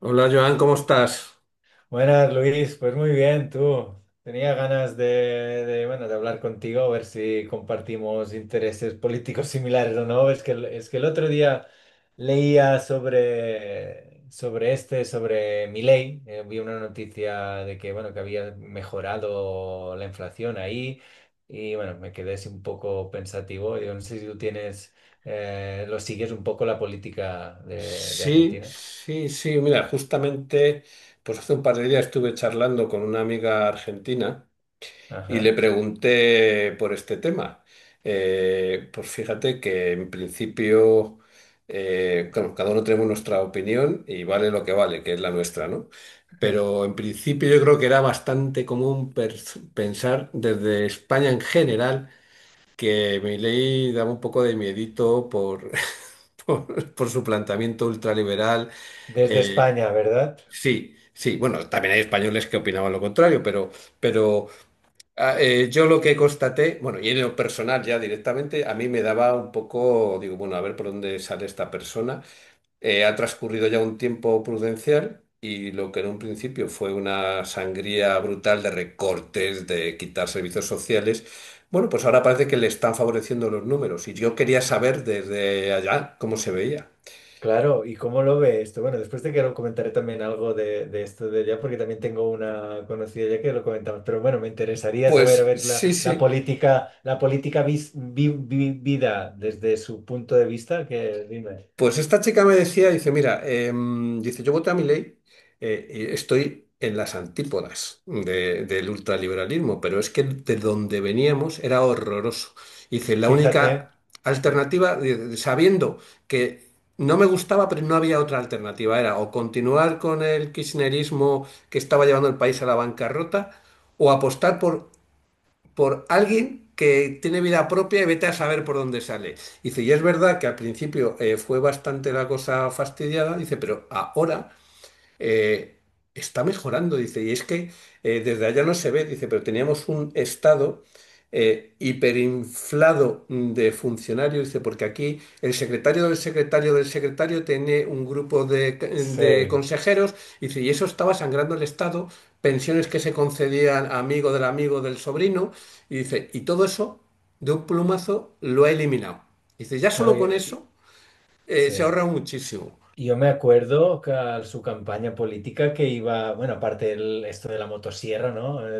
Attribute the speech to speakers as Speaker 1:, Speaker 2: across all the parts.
Speaker 1: Hola Joan, ¿cómo estás?
Speaker 2: Buenas, Luis. Pues muy bien, tú. Tenía ganas de hablar contigo, a ver si compartimos intereses políticos similares o no. Es que, es que el otro día leía sobre Milei. Vi una noticia de que, bueno, que había mejorado la inflación ahí y, bueno, me quedé así un poco pensativo. Yo no sé si tú tienes, lo sigues un poco la política de
Speaker 1: Sí,
Speaker 2: Argentina.
Speaker 1: sí, sí. Mira, justamente, pues hace un par de días estuve charlando con una amiga argentina y le
Speaker 2: Ajá.
Speaker 1: pregunté por este tema. Pues fíjate que en principio, claro, cada uno tenemos nuestra opinión y vale lo que vale, que es la nuestra, ¿no? Pero en principio yo creo que era bastante común pensar desde España en general, que Milei daba un poco de miedito por, por su planteamiento ultraliberal.
Speaker 2: Desde
Speaker 1: Eh,
Speaker 2: España, ¿verdad?
Speaker 1: sí, sí, bueno, también hay españoles que opinaban lo contrario, pero yo lo que constaté, bueno, y en lo personal ya directamente, a mí me daba un poco, digo, bueno, a ver por dónde sale esta persona. Ha transcurrido ya un tiempo prudencial y lo que en un principio fue una sangría brutal de recortes, de quitar servicios sociales, bueno, pues ahora parece que le están favoreciendo los números y yo quería saber desde allá cómo se veía.
Speaker 2: Claro, ¿y cómo lo ve esto? Bueno, después te quiero comentaré también algo de esto de allá, porque también tengo una conocida ya que lo comentamos, pero bueno, me interesaría saber, a
Speaker 1: Pues
Speaker 2: ver, la,
Speaker 1: sí,
Speaker 2: la
Speaker 1: sí.
Speaker 2: política, la política vis- vi- vi- vida desde su punto de vista, que dime,
Speaker 1: Pues esta chica me decía, dice, mira, dice, yo voté a mi ley y estoy en las antípodas del ultraliberalismo, pero es que de donde veníamos era horroroso. Dice, la
Speaker 2: fíjate,
Speaker 1: única
Speaker 2: sí,
Speaker 1: alternativa, dice, sabiendo que no me gustaba, pero no había otra alternativa, era o continuar con el kirchnerismo que estaba llevando el país a la bancarrota, o apostar por alguien que tiene vida propia y vete a saber por dónde sale. Dice, y es verdad que al principio fue bastante la cosa fastidiada, dice, pero ahora eh, está mejorando, dice, y es que desde allá no se ve, dice, pero teníamos un estado hiperinflado de funcionarios, dice, porque aquí el secretario del secretario del secretario tiene un grupo de
Speaker 2: sí,
Speaker 1: consejeros, dice, y eso estaba sangrando el estado, pensiones que se concedían a amigo del sobrino, y dice, y todo eso de un plumazo lo ha eliminado. Dice, ya
Speaker 2: claro,
Speaker 1: solo con eso
Speaker 2: sí.
Speaker 1: se ahorra muchísimo.
Speaker 2: Yo me acuerdo que su campaña política que iba, bueno, aparte el, esto de la motosierra, ¿no? El,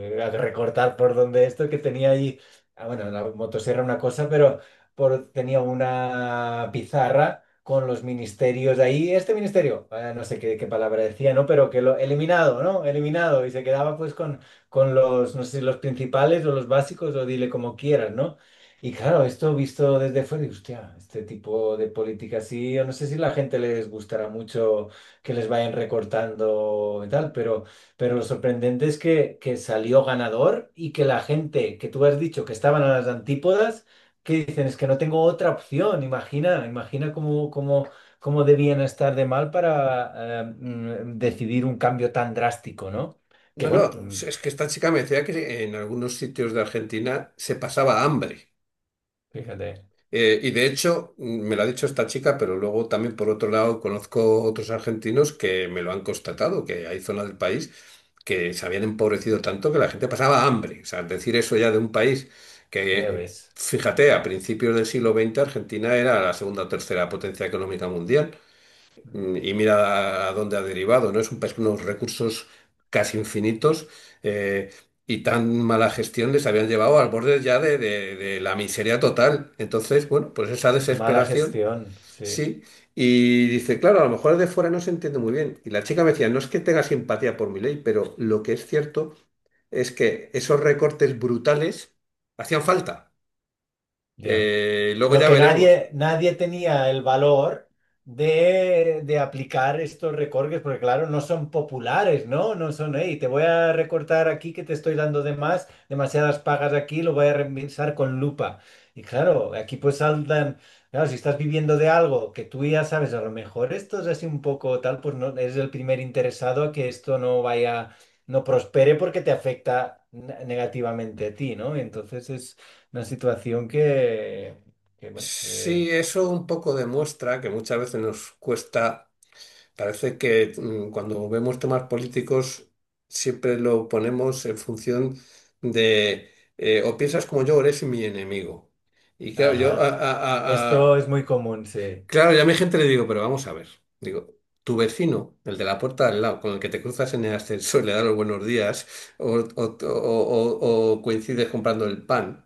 Speaker 2: el- el recortar por donde esto que tenía ahí, ah, bueno, la motosierra una cosa, pero por, tenía una pizarra con los ministerios ahí, este ministerio, no sé qué, qué palabra decía, ¿no? Pero que lo eliminado, ¿no? Eliminado y se quedaba pues con los, no sé si los principales o los básicos o dile como quieras, ¿no? Y claro, esto visto desde fuera, digo, hostia, este tipo de política sí, yo no sé si la gente les gustará mucho que les vayan recortando y tal, pero lo sorprendente es que salió ganador y que la gente que tú has dicho que estaban a las antípodas, que dicen, es que no tengo otra opción, imagina, imagina cómo, cómo, cómo debían estar de mal para decidir un cambio tan drástico, ¿no? Que
Speaker 1: No,
Speaker 2: bueno,
Speaker 1: no, es que esta chica me decía que en algunos sitios de Argentina se pasaba hambre.
Speaker 2: fíjate,
Speaker 1: Y de hecho, me lo ha dicho esta chica, pero luego también por otro lado conozco otros argentinos que me lo han constatado, que hay zonas del país que se habían empobrecido tanto que la gente pasaba hambre. O sea, decir eso ya de un país
Speaker 2: ya
Speaker 1: que,
Speaker 2: ves,
Speaker 1: fíjate, a principios del siglo XX Argentina era la segunda o tercera potencia económica mundial. Y mira a dónde ha derivado, ¿no? Es un país con unos recursos casi infinitos eh, y tan mala gestión les habían llevado al borde ya de, de la miseria total. Entonces, bueno, pues esa
Speaker 2: mala
Speaker 1: desesperación,
Speaker 2: gestión, sí.
Speaker 1: sí. Y dice, claro, a lo mejor de fuera no se entiende muy bien. Y la chica me decía, no es que tenga simpatía por mi ley, pero lo que es cierto es que esos recortes brutales hacían falta.
Speaker 2: Ya.
Speaker 1: Luego
Speaker 2: Lo
Speaker 1: ya
Speaker 2: que
Speaker 1: veremos.
Speaker 2: nadie, nadie tenía el valor de aplicar estos recortes, porque claro, no son populares, ¿no? No son, hey, te voy a recortar aquí que te estoy dando de más, demasiadas pagas aquí, lo voy a revisar con lupa. Y claro, aquí pues saltan, claro, si estás viviendo de algo que tú ya sabes, a lo mejor esto es así un poco tal, pues no, eres el primer interesado a que esto no vaya, no prospere porque te afecta negativamente a ti, ¿no? Entonces es una situación que bueno,
Speaker 1: Sí, eso un poco demuestra que muchas veces nos cuesta. Parece que cuando vemos temas políticos siempre lo ponemos en función de o piensas como yo o eres mi enemigo. Y claro, yo
Speaker 2: ajá. Esto
Speaker 1: a-
Speaker 2: es muy común, sí,
Speaker 1: claro, ya a mi gente le digo, pero vamos a ver. Digo, tu vecino, el de la puerta de al lado, con el que te cruzas en el ascensor, le das los buenos días, o coincides comprando el pan.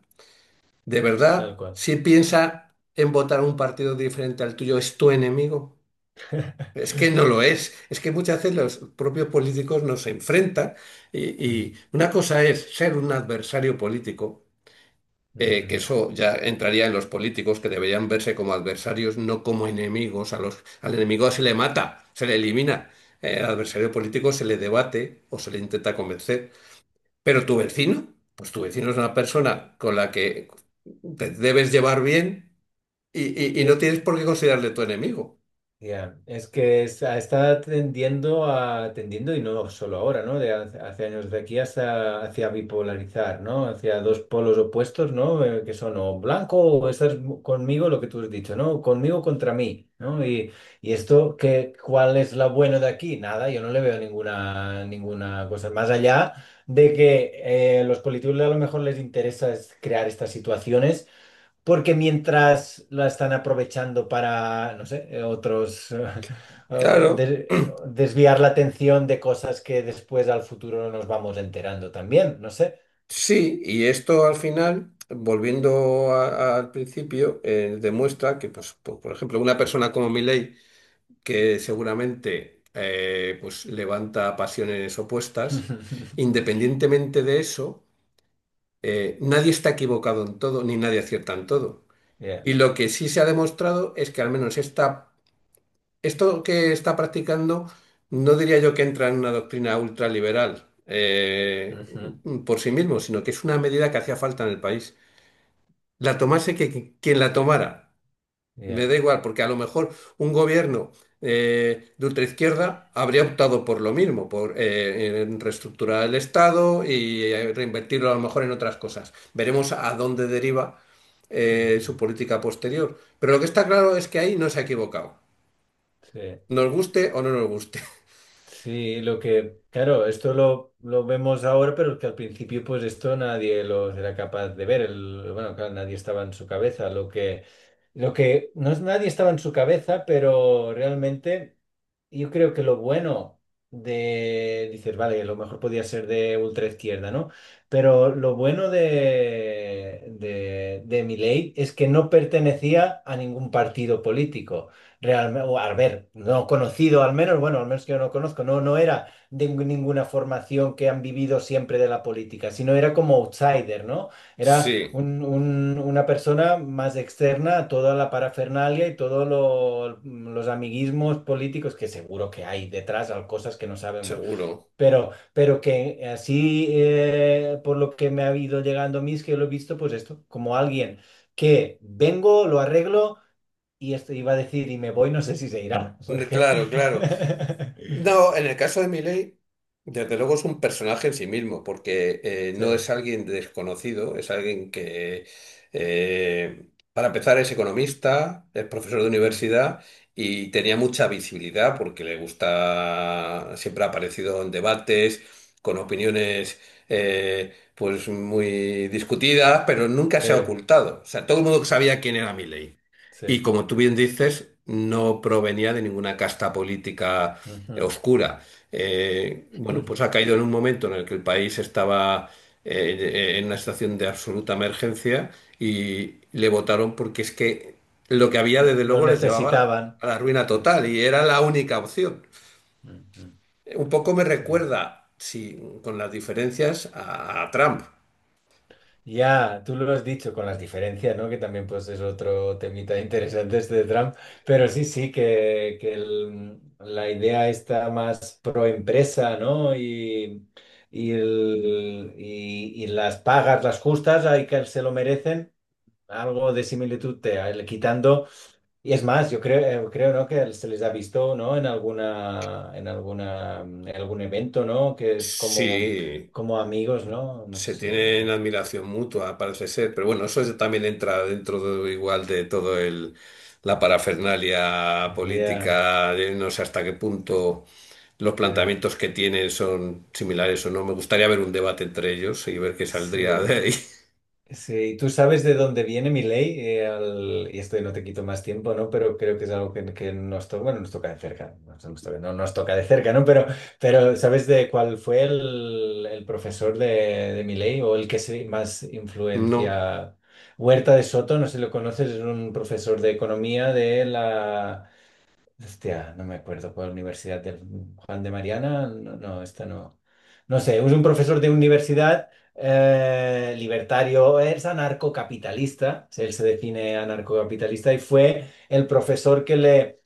Speaker 1: ¿De
Speaker 2: tal
Speaker 1: verdad,
Speaker 2: cual.
Speaker 1: si piensa en votar un partido diferente al tuyo, es tu enemigo? Es que no lo es. Es que muchas veces los propios políticos nos enfrentan y,
Speaker 2: Mm,
Speaker 1: y una cosa es ser un adversario político,
Speaker 2: ujú.
Speaker 1: que eso ya entraría en los políticos que deberían verse como adversarios, no como enemigos. A los, al enemigo se le mata, se le elimina. Al adversario político se le debate o se le intenta convencer. Pero tu vecino, pues tu vecino es una persona con la que te debes llevar bien y, y no
Speaker 2: E-
Speaker 1: tienes por qué considerarle tu enemigo.
Speaker 2: Ya. Es que está, está tendiendo a, tendiendo, y no solo ahora, ¿no? De hace, hace años de aquí hasta hacia bipolarizar, ¿no? Hacia dos polos opuestos, ¿no? Que son o blanco o estás conmigo, lo que tú has dicho, ¿no? Conmigo contra mí, ¿no? Y esto, ¿qué, cuál es lo bueno de aquí? Nada, yo no le veo ninguna, ninguna cosa. Más allá de que los políticos a lo mejor les interesa es crear estas situaciones porque mientras la están aprovechando para, no sé, otros, o
Speaker 1: Claro.
Speaker 2: desviar la atención de cosas que después al futuro no nos vamos enterando también, no sé.
Speaker 1: Sí, y esto al final, volviendo al principio, demuestra que, pues, por ejemplo, una persona como Milei, que seguramente pues, levanta pasiones opuestas, independientemente de eso, nadie está equivocado en todo, ni nadie acierta en todo.
Speaker 2: Yeah.
Speaker 1: Y lo que sí se ha demostrado es que al menos esta, esto que está practicando, no diría yo que entra en una doctrina ultraliberal
Speaker 2: Ujú.
Speaker 1: por sí mismo, sino que es una medida que hacía falta en el país. La tomase que, quien la tomara. Me
Speaker 2: Yeah.
Speaker 1: da igual, porque a lo mejor un gobierno de ultraizquierda habría optado por lo mismo, por en reestructurar el Estado y reinvertirlo a lo mejor en otras cosas. Veremos a dónde deriva
Speaker 2: Ujú.
Speaker 1: su política posterior. Pero lo que está claro es que ahí no se ha equivocado.
Speaker 2: Sí.
Speaker 1: Nos guste o no nos guste.
Speaker 2: Sí, lo que, claro, esto lo vemos ahora, pero que al principio pues esto nadie lo era capaz de ver. Bueno, claro, nadie estaba en su cabeza. Lo que no es nadie estaba en su cabeza, pero realmente yo creo que lo bueno dices, vale, lo mejor podía ser de ultraizquierda, ¿no? Pero lo bueno de Milei es que no pertenecía a ningún partido político. Realmente, o al ver, no conocido al menos, bueno, al menos que yo no conozco, no, no era de ninguna formación que han vivido siempre de la política, sino era como outsider, ¿no? Era
Speaker 1: Sí,
Speaker 2: una persona más externa a toda la parafernalia y todos los amiguismos políticos que seguro que hay detrás, cosas que no sabemos,
Speaker 1: seguro.
Speaker 2: pero que así, por lo que me ha ido llegando a mí, es que lo he visto, pues esto, como alguien que vengo, lo arreglo. Y esto iba a decir, y me voy, no sé si se irá, porque...
Speaker 1: Claro, claro. No, en el caso de Milei, desde luego es un personaje en sí mismo, porque
Speaker 2: Sí,
Speaker 1: no es alguien desconocido, es alguien que, para empezar, es economista, es profesor de
Speaker 2: ujú,
Speaker 1: universidad y tenía mucha visibilidad porque le gusta, siempre ha aparecido en debates, con opiniones pues muy discutidas, pero nunca se ha
Speaker 2: sí,
Speaker 1: ocultado. O sea, todo el mundo sabía quién era Milei. Y
Speaker 2: sí.
Speaker 1: como tú bien dices, no provenía de ninguna casta política
Speaker 2: Ujú.
Speaker 1: oscura. Bueno, pues ha caído en un momento en el que el país estaba en una situación de absoluta emergencia y le votaron porque es que lo que había desde
Speaker 2: Lo
Speaker 1: luego les llevaba
Speaker 2: necesitaban.
Speaker 1: a la ruina
Speaker 2: Mm,
Speaker 1: total y era la única opción.
Speaker 2: ujú,
Speaker 1: Un poco me
Speaker 2: sí.
Speaker 1: recuerda, sí, con las diferencias a Trump.
Speaker 2: Ya, tú lo has dicho con las diferencias, ¿no? Que también pues es otro temita interesante este de Trump, pero sí, sí, que la idea está más pro empresa, ¿no? Y, y las pagas, las justas, hay que se lo merecen. Algo de similitud quitando, y es más yo creo creo no que se les ha visto no en alguna en alguna en algún evento no que es como
Speaker 1: Sí.
Speaker 2: como amigos no no
Speaker 1: Se
Speaker 2: sé
Speaker 1: tienen admiración mutua, parece ser, pero bueno, eso es- también entra dentro de- igual de todo el la parafernalia
Speaker 2: yeah,
Speaker 1: política, de no sé hasta qué punto los
Speaker 2: yeah,
Speaker 1: planteamientos que tienen son similares o no. Me gustaría ver un debate entre ellos y ver qué saldría de
Speaker 2: sí.
Speaker 1: ahí.
Speaker 2: Sí, tú sabes de dónde viene mi ley, y esto no te quito más tiempo, ¿no? Pero creo que es algo que nos toca, bueno, nos toca de cerca, no nos toca de cerca, ¿no? Pero ¿sabes de cuál fue el profesor de mi ley o el que se más
Speaker 1: No,
Speaker 2: influencia? Huerta de Soto, no sé si lo conoces, es un profesor de economía de la... Hostia, no me acuerdo cuál universidad del Juan de Mariana. No, no, esta no. No sé, es un profesor de universidad libertario, es anarcocapitalista, él se define anarcocapitalista y fue el profesor que le,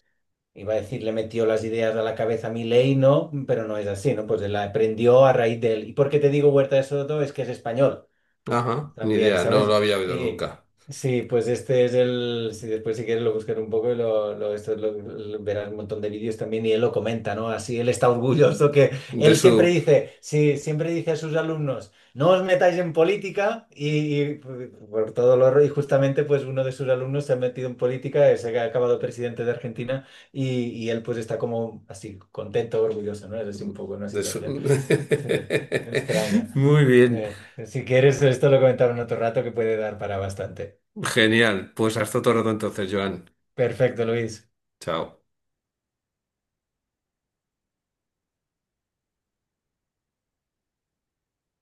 Speaker 2: iba a decir, le metió las ideas a la cabeza a Milei, ¿no? Pero no es así, ¿no? Pues él la aprendió a raíz de él. ¿Y por qué te digo Huerta de Soto? Es que es español.
Speaker 1: ajá, ni
Speaker 2: También,
Speaker 1: idea, no lo
Speaker 2: ¿sabes?
Speaker 1: había oído
Speaker 2: Y
Speaker 1: nunca.
Speaker 2: sí, pues este es el. Si después, si quieres, lo buscar un poco y lo, esto verás un montón de vídeos también. Y él lo comenta, ¿no? Así él está orgulloso que
Speaker 1: De
Speaker 2: él siempre
Speaker 1: su,
Speaker 2: dice, sí, siempre dice a sus alumnos, no os metáis en política. Y por todo lo. Y justamente, pues uno de sus alumnos se ha metido en política, se ha acabado presidente de Argentina. Y él, pues está como así, contento, orgulloso, ¿no? Es así un poco una
Speaker 1: de su...
Speaker 2: situación. Sí, me extraña.
Speaker 1: Muy bien,
Speaker 2: Si quieres, esto lo comentamos en otro rato que puede dar para bastante.
Speaker 1: genial. Pues hasta otro rato entonces, Joan.
Speaker 2: Perfecto, Luis.
Speaker 1: Chao.